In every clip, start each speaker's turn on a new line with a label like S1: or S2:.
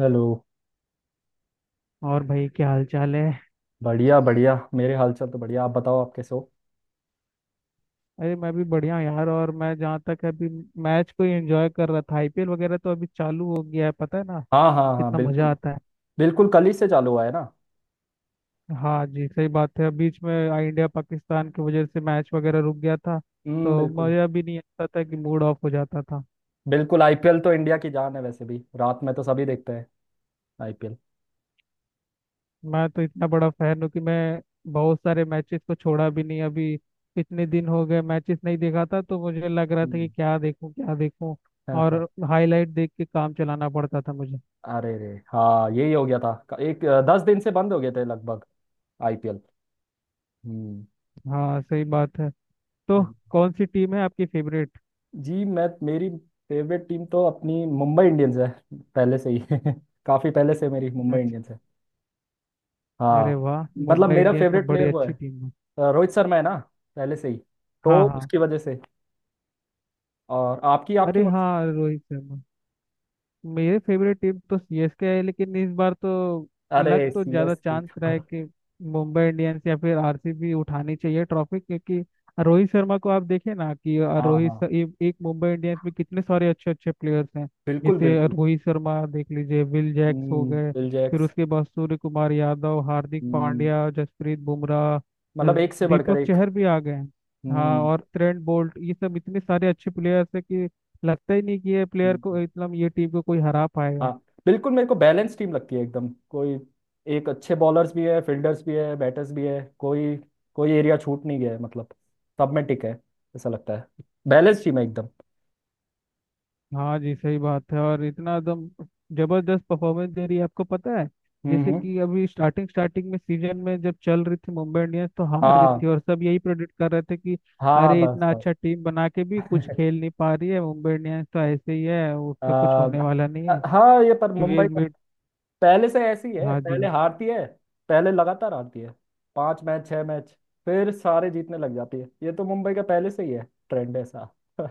S1: Hello.
S2: और भाई क्या हाल चाल है।
S1: बढ़िया बढ़िया, मेरे हालचाल तो बढ़िया। आप बताओ, आप कैसे हो।
S2: अरे मैं भी बढ़िया हूँ यार। और मैं जहाँ तक है, अभी मैच को ही एंजॉय कर रहा था। आईपीएल वगैरह तो अभी चालू हो गया है, पता है ना
S1: हाँ हाँ हाँ,
S2: कितना मजा
S1: बिल्कुल।
S2: आता है।
S1: बिल्कुल कल ही से चालू हुआ है ना।
S2: हाँ जी सही बात है। बीच में इंडिया पाकिस्तान की वजह से मैच वगैरह रुक गया था,
S1: हम्म,
S2: तो
S1: बिल्कुल।
S2: मजा भी नहीं आता था, कि मूड ऑफ हो जाता था।
S1: बिल्कुल, आईपीएल तो इंडिया की जान है, वैसे भी रात में तो सभी देखते हैं आईपीएल।
S2: मैं तो इतना बड़ा फैन हूँ कि मैं बहुत सारे मैचेस को छोड़ा भी नहीं। अभी इतने दिन हो गए मैचेस नहीं देखा था, तो मुझे लग रहा था कि
S1: हम्म।
S2: क्या देखूँ क्या देखूँ,
S1: हाँ, हाँ।
S2: और हाईलाइट देख के काम चलाना पड़ता था मुझे।
S1: अरे रे हाँ, यही हो गया था, एक 10 दिन से बंद हो गए थे लगभग आईपीएल। हम्म,
S2: हाँ सही बात है। तो
S1: बिल्कुल।
S2: कौन सी टीम है आपकी फेवरेट
S1: जी, मैं मेरी फेवरेट टीम तो अपनी मुंबई इंडियंस है पहले से ही। काफी पहले से मेरी मुंबई
S2: मैच।
S1: इंडियंस है। हाँ,
S2: अरे वाह,
S1: मतलब
S2: मुंबई
S1: मेरा
S2: इंडियंस तो
S1: फेवरेट
S2: बड़ी
S1: प्लेयर वो है,
S2: अच्छी टीम है।
S1: रोहित शर्मा है ना, पहले से ही, तो
S2: हाँ हाँ।
S1: उसकी वजह से। और आपकी आपकी
S2: अरे
S1: कौन सी।
S2: हाँ रोहित शर्मा। मेरे फेवरेट टीम तो सीएसके है, लेकिन इस बार तो लग
S1: अरे
S2: तो
S1: सी
S2: ज़्यादा
S1: एस के।
S2: चांस रहा है कि मुंबई इंडियंस या फिर आरसीबी उठानी चाहिए ट्रॉफी, क्योंकि रोहित शर्मा को आप देखें ना कि
S1: हाँ हाँ,
S2: एक एक मुंबई इंडियंस में कितने सारे अच्छे अच्छे प्लेयर्स हैं।
S1: बिल्कुल
S2: जैसे
S1: बिल्कुल।
S2: रोहित शर्मा देख लीजिए, विल जैक्स हो
S1: हम्म,
S2: गए,
S1: बिल
S2: फिर
S1: जैक्स।
S2: उसके बाद सूर्य कुमार यादव, हार्दिक
S1: हम्म,
S2: पांड्या, जसप्रीत बुमराह,
S1: मतलब एक से बढ़कर
S2: दीपक
S1: एक।
S2: चहर भी आ गए हैं।
S1: हम्म
S2: हाँ,
S1: हम्म,
S2: और ट्रेंट बोल्ट, ये सब इतने सारे अच्छे प्लेयर्स हैं कि लगता ही नहीं कि ये प्लेयर को
S1: हम्म।
S2: इतना, ये टीम को कोई हरा पाएगा।
S1: हाँ बिल्कुल, मेरे को बैलेंस टीम लगती है एकदम, कोई एक अच्छे बॉलर्स भी है, फील्डर्स भी है, बैटर्स भी है, कोई कोई एरिया छूट नहीं गया है, मतलब सब में टिक है। ऐसा लगता है बैलेंस टीम है एकदम।
S2: हाँ जी सही बात है। और इतना एकदम जबरदस्त परफॉर्मेंस दे रही है, आपको पता है। जैसे
S1: हम्म।
S2: कि अभी स्टार्टिंग स्टार्टिंग में सीजन में जब चल रही थी मुंबई इंडियंस तो हार रही थी,
S1: हाँ
S2: और सब यही प्रेडिक्ट कर रहे थे कि
S1: हाँ,
S2: अरे
S1: बस
S2: इतना
S1: बस
S2: अच्छा टीम बना के भी कुछ खेल नहीं पा रही है मुंबई इंडियंस, तो ऐसे ही है, उसका कुछ होने
S1: अ,
S2: वाला नहीं है।
S1: हाँ ये पर मुंबई
S2: फिर
S1: का
S2: मिड,
S1: पहले से ऐसी है,
S2: हाँ
S1: पहले
S2: जी,
S1: हारती है, पहले लगातार हारती है, 5 मैच 6 मैच, फिर सारे जीतने लग जाती है। ये तो मुंबई का पहले से ही है ट्रेंड ऐसा।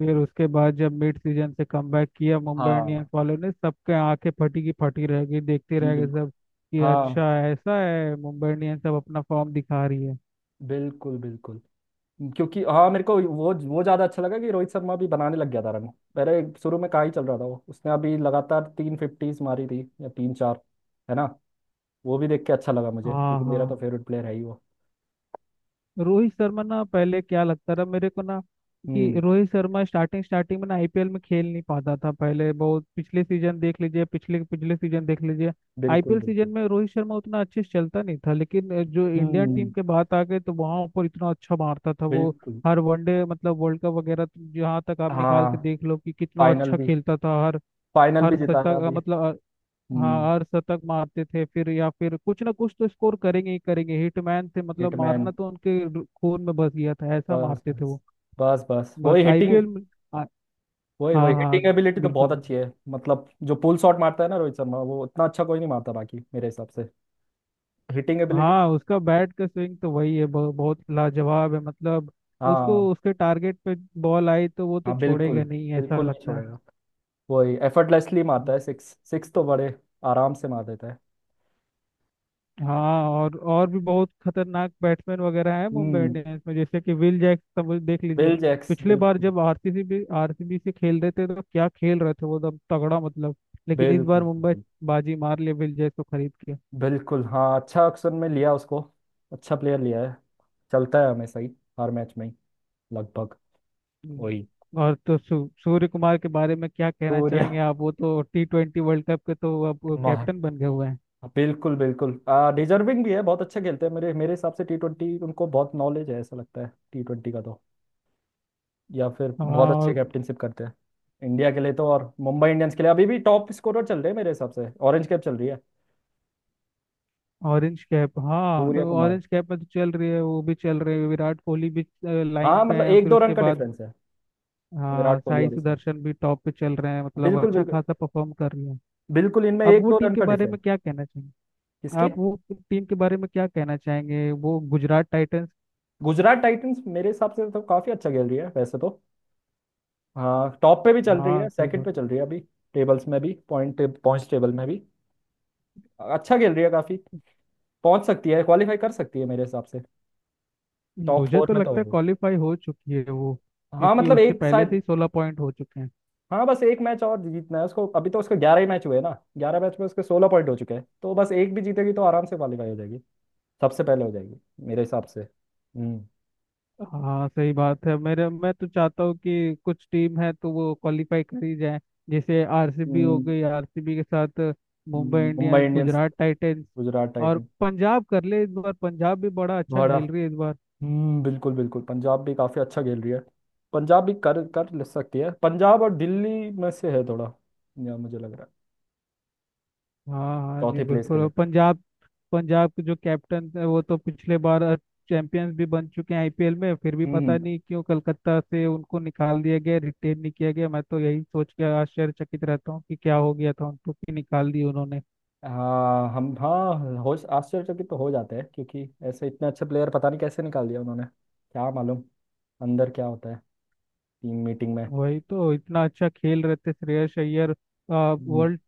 S2: फिर उसके बाद जब मिड सीजन से कमबैक किया मुंबई इंडियंस
S1: हाँ
S2: वालों ने, सबके आंखें फटी की फटी रह गई, देखते
S1: जी,
S2: रह गए
S1: बिल्कुल।
S2: सब कि
S1: हाँ
S2: अच्छा ऐसा है, मुंबई इंडियंस अब अपना फॉर्म दिखा रही है।
S1: बिल्कुल बिल्कुल, क्योंकि हाँ मेरे को वो ज्यादा अच्छा लगा कि रोहित शर्मा भी बनाने लग गया था रन। पहले शुरू में कहाँ ही चल रहा था वो, उसने अभी लगातार 3 फिफ्टीज मारी थी या तीन चार, है ना। वो भी देख के अच्छा लगा मुझे,
S2: हाँ
S1: क्योंकि मेरा
S2: हाँ।
S1: तो फेवरेट प्लेयर है ही वो।
S2: रोहित शर्मा ना, पहले क्या लगता रहा मेरे को ना, कि
S1: हम्म।
S2: रोहित शर्मा स्टार्टिंग स्टार्टिंग में ना आईपीएल में खेल नहीं पाता था पहले बहुत। पिछले सीजन देख लीजिए, पिछले पिछले सीजन देख लीजिए,
S1: बिल्कुल
S2: आईपीएल सीजन
S1: बिल्कुल।
S2: में रोहित शर्मा उतना अच्छे से चलता नहीं था, लेकिन जो इंडियन टीम
S1: हम्म,
S2: के बात आ गई तो वहाँ ऊपर इतना अच्छा मारता था वो।
S1: बिल्कुल।
S2: हर वनडे मतलब वर्ल्ड कप वगैरह तो जहाँ तक आप निकाल
S1: हाँ
S2: के देख लो कि कितना
S1: फाइनल
S2: अच्छा
S1: भी,
S2: खेलता था हर
S1: फाइनल
S2: हर
S1: भी
S2: शतक,
S1: जिताया अभी।
S2: मतलब, हाँ
S1: हम्म।
S2: हर शतक मारते थे फिर, या फिर कुछ ना कुछ तो स्कोर करेंगे ही करेंगे। हिटमैन थे मतलब,
S1: हिटमैन,
S2: मारना तो उनके खून में बस गया था, ऐसा
S1: बस
S2: मारते थे
S1: बस
S2: वो।
S1: बस वही
S2: बस
S1: हिटिंग,
S2: आईपीएल में आ-
S1: वही
S2: हाँ
S1: वही
S2: हाँ,
S1: हिटिंग एबिलिटी तो
S2: बिल्कुल
S1: बहुत
S2: बिल्कुल।
S1: अच्छी है, मतलब जो पुल शॉट मारता है ना रोहित शर्मा, वो इतना अच्छा कोई नहीं मारता बाकी मेरे हिसाब से। Hitting ability.
S2: हाँ, उसका बैट का स्विंग तो वही है, बहुत लाजवाब है मतलब। उसको
S1: हाँ
S2: उसके टारगेट पे बॉल आई तो वो तो
S1: हाँ, बिल्कुल।
S2: छोड़ेगा नहीं, ऐसा
S1: बिल्कुल नहीं
S2: लगता है।
S1: छोड़ेगा, वही एफर्टलेसली मारता है, सिक्स सिक्स तो बड़े आराम से मार देता है।
S2: हाँ, और भी बहुत खतरनाक बैट्समैन वगैरह है मुंबई
S1: हम्म,
S2: इंडियंस में, जैसे कि विल जैक समझ देख लीजिए।
S1: बिल जैक्स
S2: पिछले बार
S1: बिल्कुल
S2: जब आरसीबी भी, आरसीबी से खेल रहे थे तो क्या खेल रहे थे वो, एकदम तगड़ा मतलब। लेकिन इस
S1: बिल्कुल।
S2: बार मुंबई
S1: बिल्कुल।
S2: बाजी मार लिए विल जैक को खरीद के।
S1: बिल्कुल हाँ, अच्छा ऑप्शन में लिया उसको, अच्छा प्लेयर लिया है, चलता है हमेशा ही, हर मैच में ही लगभग। वही।
S2: हम्म। और तो सूर्य कुमार के बारे में क्या कहना
S1: सूर्या,
S2: चाहेंगे आप। वो तो T20 वर्ल्ड कप के तो अब वो
S1: महा-,
S2: कैप्टन बन गए हुए हैं।
S1: बिल्कुल बिल्कुल। डिजर्विंग भी है, बहुत अच्छा खेलते हैं मेरे मेरे हिसाब से। टी ट्वेंटी उनको बहुत नॉलेज है ऐसा लगता है, टी ट्वेंटी का तो। या फिर बहुत
S2: हाँ
S1: अच्छे
S2: और
S1: कैप्टनशिप करते हैं इंडिया के लिए तो, और मुंबई इंडियंस के लिए अभी भी टॉप स्कोरर चल रहे हैं मेरे हिसाब से, ऑरेंज कैप चल रही है।
S2: ऑरेंज कैप, हाँ
S1: सूर्या कुमार।
S2: ऑरेंज कैप में तो चल रही है, वो भी चल रही है, विराट कोहली भी लाइन
S1: हाँ
S2: पे
S1: मतलब
S2: है,
S1: एक
S2: फिर
S1: दो रन
S2: उसके
S1: का
S2: बाद
S1: डिफरेंस है।
S2: हाँ
S1: विराट कोहली
S2: साई
S1: और इसमें
S2: सुदर्शन भी टॉप पे चल रहे हैं, मतलब
S1: बिल्कुल
S2: अच्छा
S1: बिल्कुल,
S2: खासा परफॉर्म कर रही है।
S1: बिल्कुल इनमें
S2: अब
S1: एक
S2: वो
S1: दो
S2: टीम
S1: रन
S2: के
S1: का
S2: बारे
S1: डिफरेंस।
S2: में क्या कहना चाहेंगे
S1: किसके।
S2: आप, वो टीम के बारे में क्या कहना चाहेंगे, वो गुजरात टाइटंस।
S1: गुजरात टाइटंस मेरे हिसाब से तो काफी अच्छा खेल रही है वैसे तो। हाँ टॉप पे भी चल रही
S2: हाँ
S1: है,
S2: सही
S1: सेकंड
S2: बात।
S1: पे चल रही है अभी टेबल्स में भी, पॉइंट्स टेबल में भी अच्छा खेल रही है काफी, पहुंच सकती है, क्वालिफाई कर सकती है मेरे हिसाब से, टॉप
S2: मुझे
S1: फोर
S2: तो
S1: में तो
S2: लगता है
S1: होगी।
S2: क्वालिफाई हो चुकी है वो,
S1: हाँ
S2: क्योंकि
S1: मतलब
S2: उसके
S1: एक
S2: पहले से
S1: शायद,
S2: ही 16 पॉइंट हो चुके हैं।
S1: हाँ बस एक मैच और जीतना है उसको, अभी तो उसके 11 ही मैच हुए ना। 11 मैच में उसके 16 पॉइंट हो चुके हैं, तो बस एक भी जीतेगी तो आराम से क्वालिफाई हो जाएगी, सबसे पहले हो जाएगी मेरे हिसाब से।
S2: हाँ सही बात है, मेरे, मैं तो चाहता हूँ कि कुछ टीम है तो वो क्वालिफाई कर ही जाए, जैसे आरसीबी हो
S1: हम्म,
S2: गई, आरसीबी के साथ Mumbai
S1: Mumbai
S2: Indians,
S1: Indians
S2: Gujarat Titans,
S1: Gujarat
S2: और
S1: टाइटन।
S2: पंजाब कर ले। इस बार पंजाब भी बड़ा अच्छा
S1: बड़ा
S2: खेल रही है इस बार।
S1: हम्म, बिल्कुल बिल्कुल, पंजाब भी काफ़ी अच्छा खेल रही है। पंजाब भी कर कर ले सकती है, पंजाब और दिल्ली में से है थोड़ा, या मुझे लग रहा है
S2: हाँ हाँ जी
S1: चौथे प्लेस के
S2: बिल्कुल, और
S1: लिए।
S2: पंजाब, पंजाब के जो कैप्टन है वो तो पिछले बार चैंपियंस भी बन चुके हैं आईपीएल में, फिर भी
S1: हम्म।
S2: पता
S1: हम्म।
S2: नहीं क्यों कलकत्ता से उनको निकाल दिया गया, रिटेन नहीं किया गया। मैं तो यही सोच के आश्चर्यचकित रहता हूँ कि क्या हो गया था उनको कि निकाल दिया उन्होंने।
S1: हाँ हम हाँ हो, आश्चर्यचकित तो हो जाते हैं क्योंकि ऐसे इतने अच्छे प्लेयर पता नहीं कैसे निकाल दिया उन्होंने। क्या मालूम अंदर क्या होता है टीम मीटिंग में।
S2: वही तो, इतना अच्छा खेल रहे थे श्रेयस अय्यर,
S1: हम्म,
S2: वर्ल्ड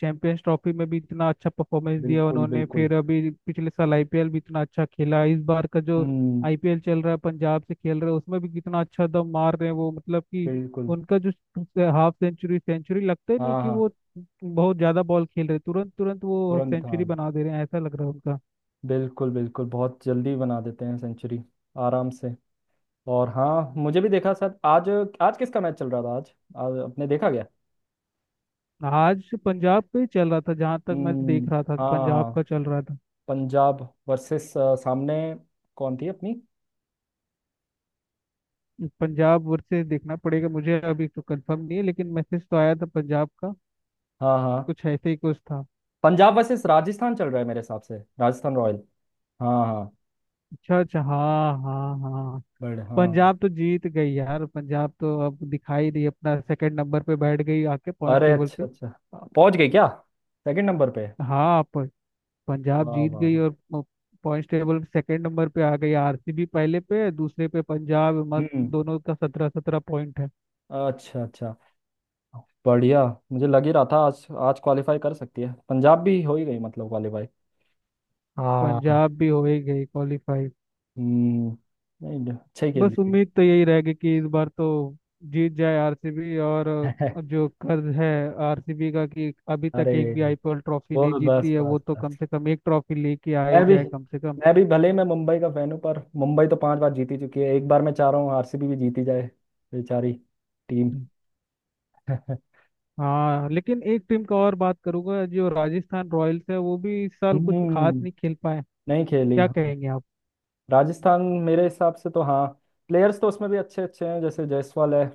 S2: चैंपियंस ट्रॉफी में भी इतना अच्छा परफॉर्मेंस दिया
S1: बिल्कुल
S2: उन्होंने,
S1: बिल्कुल।
S2: फिर अभी पिछले साल आईपीएल भी इतना अच्छा खेला। इस बार का जो
S1: हम्म,
S2: आईपीएल चल रहा है, पंजाब से खेल रहे हैं, उसमें भी कितना अच्छा दम मार रहे हैं वो, मतलब कि
S1: बिल्कुल।
S2: उनका जो हाफ सेंचुरी सेंचुरी लगता ही नहीं
S1: हाँ
S2: कि
S1: हाँ।
S2: वो बहुत ज्यादा बॉल खेल रहे, तुरंत तुरंत वो
S1: तुरंत
S2: सेंचुरी
S1: हाँ,
S2: बना दे रहे हैं, ऐसा लग रहा है उनका।
S1: बिल्कुल बिल्कुल, बहुत जल्दी बना देते हैं सेंचुरी, आराम से। और हाँ मुझे भी देखा सर आज। आज किसका मैच चल रहा था, आज आज आपने देखा क्या।
S2: आज पंजाब पे ही चल रहा था जहां तक मैं देख
S1: हम्म।
S2: रहा था,
S1: हाँ
S2: पंजाब
S1: हाँ,
S2: का चल रहा था।
S1: पंजाब वर्सेस, सामने कौन थी अपनी।
S2: पंजाब वर्सेस, देखना पड़ेगा मुझे, अभी तो कंफर्म नहीं है, लेकिन मैसेज तो आया था पंजाब का
S1: हाँ हाँ,
S2: कुछ ऐसे ही कुछ था।
S1: पंजाब वर्सेस राजस्थान चल रहा है मेरे हिसाब से, राजस्थान रॉयल। हाँ हाँ।
S2: अच्छा अच्छा, हाँ हाँ हाँ।
S1: बड़े हाँ हाँ।
S2: पंजाब तो जीत गई यार, पंजाब तो अब दिखाई दी, अपना सेकंड नंबर पे बैठ गई आके पॉइंट्स
S1: अरे
S2: टेबल
S1: अच्छा
S2: पे।
S1: अच्छा, पहुंच गए क्या सेकंड नंबर पे।
S2: हाँ, पंजाब
S1: वाह
S2: जीत
S1: वाह
S2: गई,
S1: वाह।
S2: और पॉइंट्स टेबल सेकंड नंबर पे आ गई, आरसीबी पहले पे, दूसरे पे पंजाब, मत
S1: हम्म,
S2: दोनों का 17-17 पॉइंट है।
S1: अच्छा अच्छा, बढ़िया। मुझे लग ही रहा था आज, आज क्वालिफाई कर सकती है पंजाब भी, हो ही गई मतलब क्वालिफाई। हाँ।
S2: पंजाब भी हो ही गई क्वालिफाई।
S1: हम्म। नहीं अच्छा ही खेल।
S2: बस उम्मीद तो यही रहेगी कि इस बार तो जीत जाए आरसीबी, और जो कर्ज है आरसीबी का कि अभी तक
S1: अरे
S2: एक भी आईपीएल ट्रॉफी
S1: वो,
S2: नहीं
S1: बस
S2: जीती है,
S1: बस
S2: वो तो कम
S1: बस
S2: से कम एक ट्रॉफी लेके आ ही
S1: मैं भी,
S2: जाए कम से कम।
S1: मैं भी भले ही मैं मुंबई का फैन हूँ, पर मुंबई तो 5 बार जीती चुकी है, एक बार मैं चाह रहा हूँ आरसीबी भी जीती जाए बेचारी टीम।
S2: हाँ लेकिन एक टीम का और बात करूंगा, जो राजस्थान रॉयल्स है, वो भी इस साल कुछ खास
S1: हम्म,
S2: नहीं खेल पाए,
S1: नहीं खेली
S2: क्या
S1: हाँ।
S2: कहेंगे आप।
S1: राजस्थान, मेरे हिसाब से तो हाँ प्लेयर्स तो उसमें भी अच्छे अच्छे हैं, जैसे जायसवाल है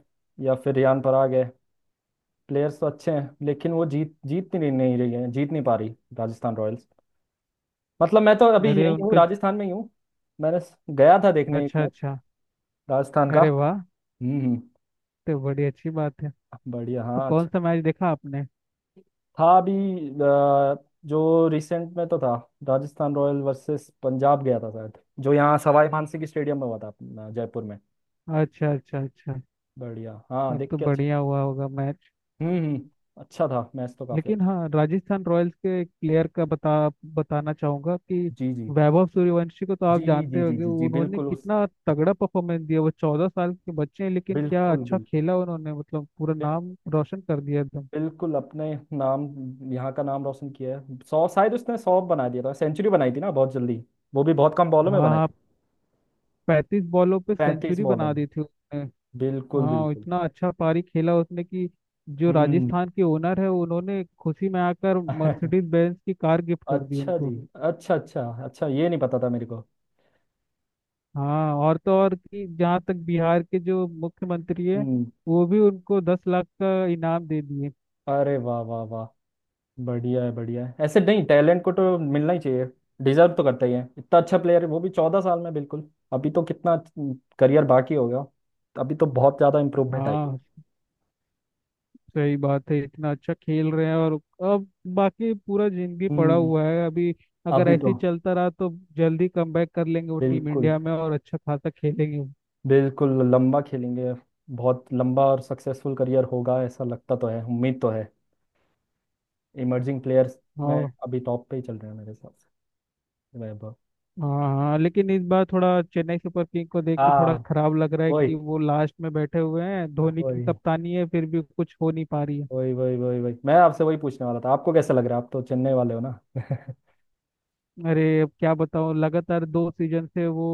S1: या फिर रियान पराग है, प्लेयर्स तो अच्छे हैं लेकिन वो जीत जीत नहीं नहीं रही है, जीत नहीं पा रही राजस्थान रॉयल्स। मतलब मैं तो अभी
S2: अरे
S1: यही हूँ,
S2: उनका,
S1: राजस्थान में ही हूँ। मैंने गया था देखने एक
S2: अच्छा
S1: मैच
S2: अच्छा,
S1: राजस्थान का।
S2: अरे वाह,
S1: हम्म हम्म।
S2: तो बड़ी अच्छी बात है।
S1: बढ़िया
S2: तो
S1: हाँ,
S2: कौन सा
S1: अच्छा
S2: मैच देखा आपने।
S1: था अभी। अ, जो रिसेंट में तो था, राजस्थान रॉयल वर्सेस पंजाब गया था शायद, जो यहाँ सवाई मानसिंह स्टेडियम में हुआ था अपना जयपुर में।
S2: अच्छा अच्छा अच्छा,
S1: बढ़िया हाँ,
S2: अब
S1: देख
S2: तो
S1: के अच्छा।
S2: बढ़िया हुआ होगा मैच।
S1: हम्म, अच्छा था मैच तो काफी अच्छा।
S2: लेकिन हाँ राजस्थान रॉयल्स के एक प्लेयर का बताना चाहूंगा कि
S1: जी जी
S2: वैभव सूर्यवंशी को तो
S1: जी
S2: आप
S1: जी
S2: जानते
S1: जी
S2: होंगे,
S1: जी जी
S2: उन्होंने
S1: बिल्कुल उस,
S2: कितना तगड़ा परफॉर्मेंस दिया। वो 14 साल के बच्चे हैं, लेकिन क्या
S1: बिल्कुल
S2: अच्छा
S1: बिल्कुल,
S2: खेला उन्होंने, मतलब पूरा
S1: बिल-
S2: नाम रोशन कर दिया एकदम।
S1: बिल्कुल अपने नाम, यहाँ का नाम रोशन किया है। 100 शायद उसने 100 बना दिया था, सेंचुरी बनाई थी ना बहुत जल्दी, वो भी बहुत कम बॉलों में
S2: हाँ
S1: बनाई
S2: हाँ,
S1: थी।
S2: 35 बॉलों पे
S1: पैंतीस
S2: सेंचुरी
S1: बॉलों
S2: बना
S1: में,
S2: दी थी उसने।
S1: बिल्कुल
S2: हाँ
S1: बिल्कुल।
S2: इतना अच्छा पारी खेला उसने कि जो
S1: हम्म।
S2: राजस्थान के ओनर है उन्होंने खुशी में आकर मर्सिडीज बेंज की कार गिफ्ट कर दी
S1: अच्छा जी,
S2: उनको।
S1: अच्छा अच्छा अच्छा, ये नहीं पता था मेरे को।
S2: हाँ और तो और कि जहाँ तक बिहार के जो मुख्यमंत्री है,
S1: हम्म।
S2: वो भी उनको 10 लाख का इनाम दे दिए।
S1: अरे वाह वाह वाह, बढ़िया है बढ़िया है, ऐसे नहीं टैलेंट को तो मिलना ही चाहिए, डिजर्व तो करता ही है, इतना अच्छा प्लेयर है वो भी 14 साल में। बिल्कुल, अभी तो कितना करियर बाकी हो गया, अभी तो बहुत ज़्यादा इम्प्रूवमेंट आई है।
S2: हाँ सही बात है, इतना अच्छा खेल रहे हैं, और अब बाकी पूरा जिंदगी पड़ा
S1: हम्म।
S2: हुआ है अभी, अगर
S1: अभी
S2: ऐसे
S1: तो
S2: ही चलता रहा तो जल्दी कमबैक कर लेंगे वो टीम
S1: बिल्कुल,
S2: इंडिया में, और अच्छा खासा खेलेंगे वो।
S1: बिल्कुल लंबा खेलेंगे, बहुत लंबा और सक्सेसफुल करियर होगा ऐसा लगता तो है, उम्मीद तो है। इमर्जिंग प्लेयर्स में
S2: और
S1: अभी टॉप पे ही चल रहे हैं मेरे हिसाब से, वैभव।
S2: हाँ हाँ, लेकिन इस बार थोड़ा चेन्नई सुपर किंग को देख के थोड़ा
S1: हाँ
S2: खराब लग रहा है
S1: वही
S2: कि वो लास्ट में बैठे हुए हैं, धोनी की
S1: वही
S2: कप्तानी है फिर भी कुछ हो नहीं पा रही है।
S1: वही वही, वही मैं आपसे वही पूछने वाला था, आपको कैसा लग रहा है, आप तो चेन्नई वाले हो ना।
S2: अरे अब क्या बताऊं, लगातार 2 सीजन से वो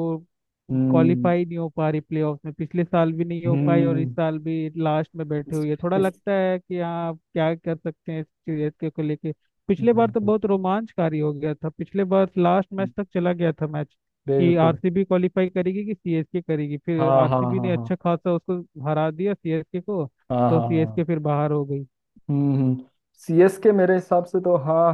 S1: हम्म
S2: क्वालिफाई नहीं हो पा रही प्लेऑफ में, पिछले साल भी नहीं हो पाई, और
S1: हम्म।
S2: इस साल भी लास्ट में बैठे
S1: इस,
S2: हुई है, थोड़ा
S1: इस,
S2: लगता है कि हाँ, अब क्या कर सकते हैं इस सीरीज को लेके। पिछले बार तो
S1: बिल्कुल
S2: बहुत रोमांचकारी हो गया था, पिछले बार लास्ट मैच तक चला गया था मैच, कि
S1: बिल्कुल।
S2: आरसीबी क्वालिफाई करेगी कि सीएसके करेगी, फिर
S1: हाँ हाँ
S2: आरसीबी
S1: हाँ
S2: ने
S1: हाँ।
S2: अच्छा खासा उसको हरा दिया सीएसके को,
S1: हाँ
S2: तो
S1: हाँ हाँ।
S2: सीएसके फिर बाहर हो गई।
S1: हम्म। सी एस के मेरे हिसाब से तो हाँ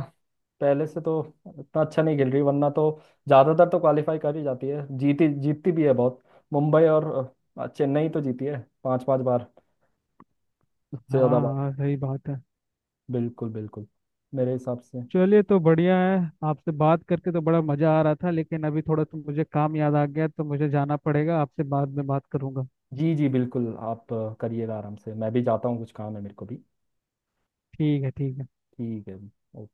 S1: पहले से तो इतना अच्छा नहीं खेल रही, वरना तो ज्यादातर तो क्वालिफाई कर ही जाती है, जीती जीतती भी है बहुत। मुंबई और चेन्नई तो जीती है 5-5 बार, उससे
S2: हाँ
S1: ज्यादा बार।
S2: हाँ सही बात है।
S1: बिल्कुल बिल्कुल, मेरे हिसाब से।
S2: चलिए तो बढ़िया है, आपसे बात करके तो बड़ा मजा आ रहा था, लेकिन अभी थोड़ा सा मुझे काम याद आ गया, तो मुझे जाना पड़ेगा, आपसे बाद में बात करूंगा।
S1: जी जी बिल्कुल, आप करिएगा आराम से, मैं भी जाता हूँ, कुछ काम है मेरे को भी।
S2: ठीक है ठीक है।
S1: ठीक है। ओ-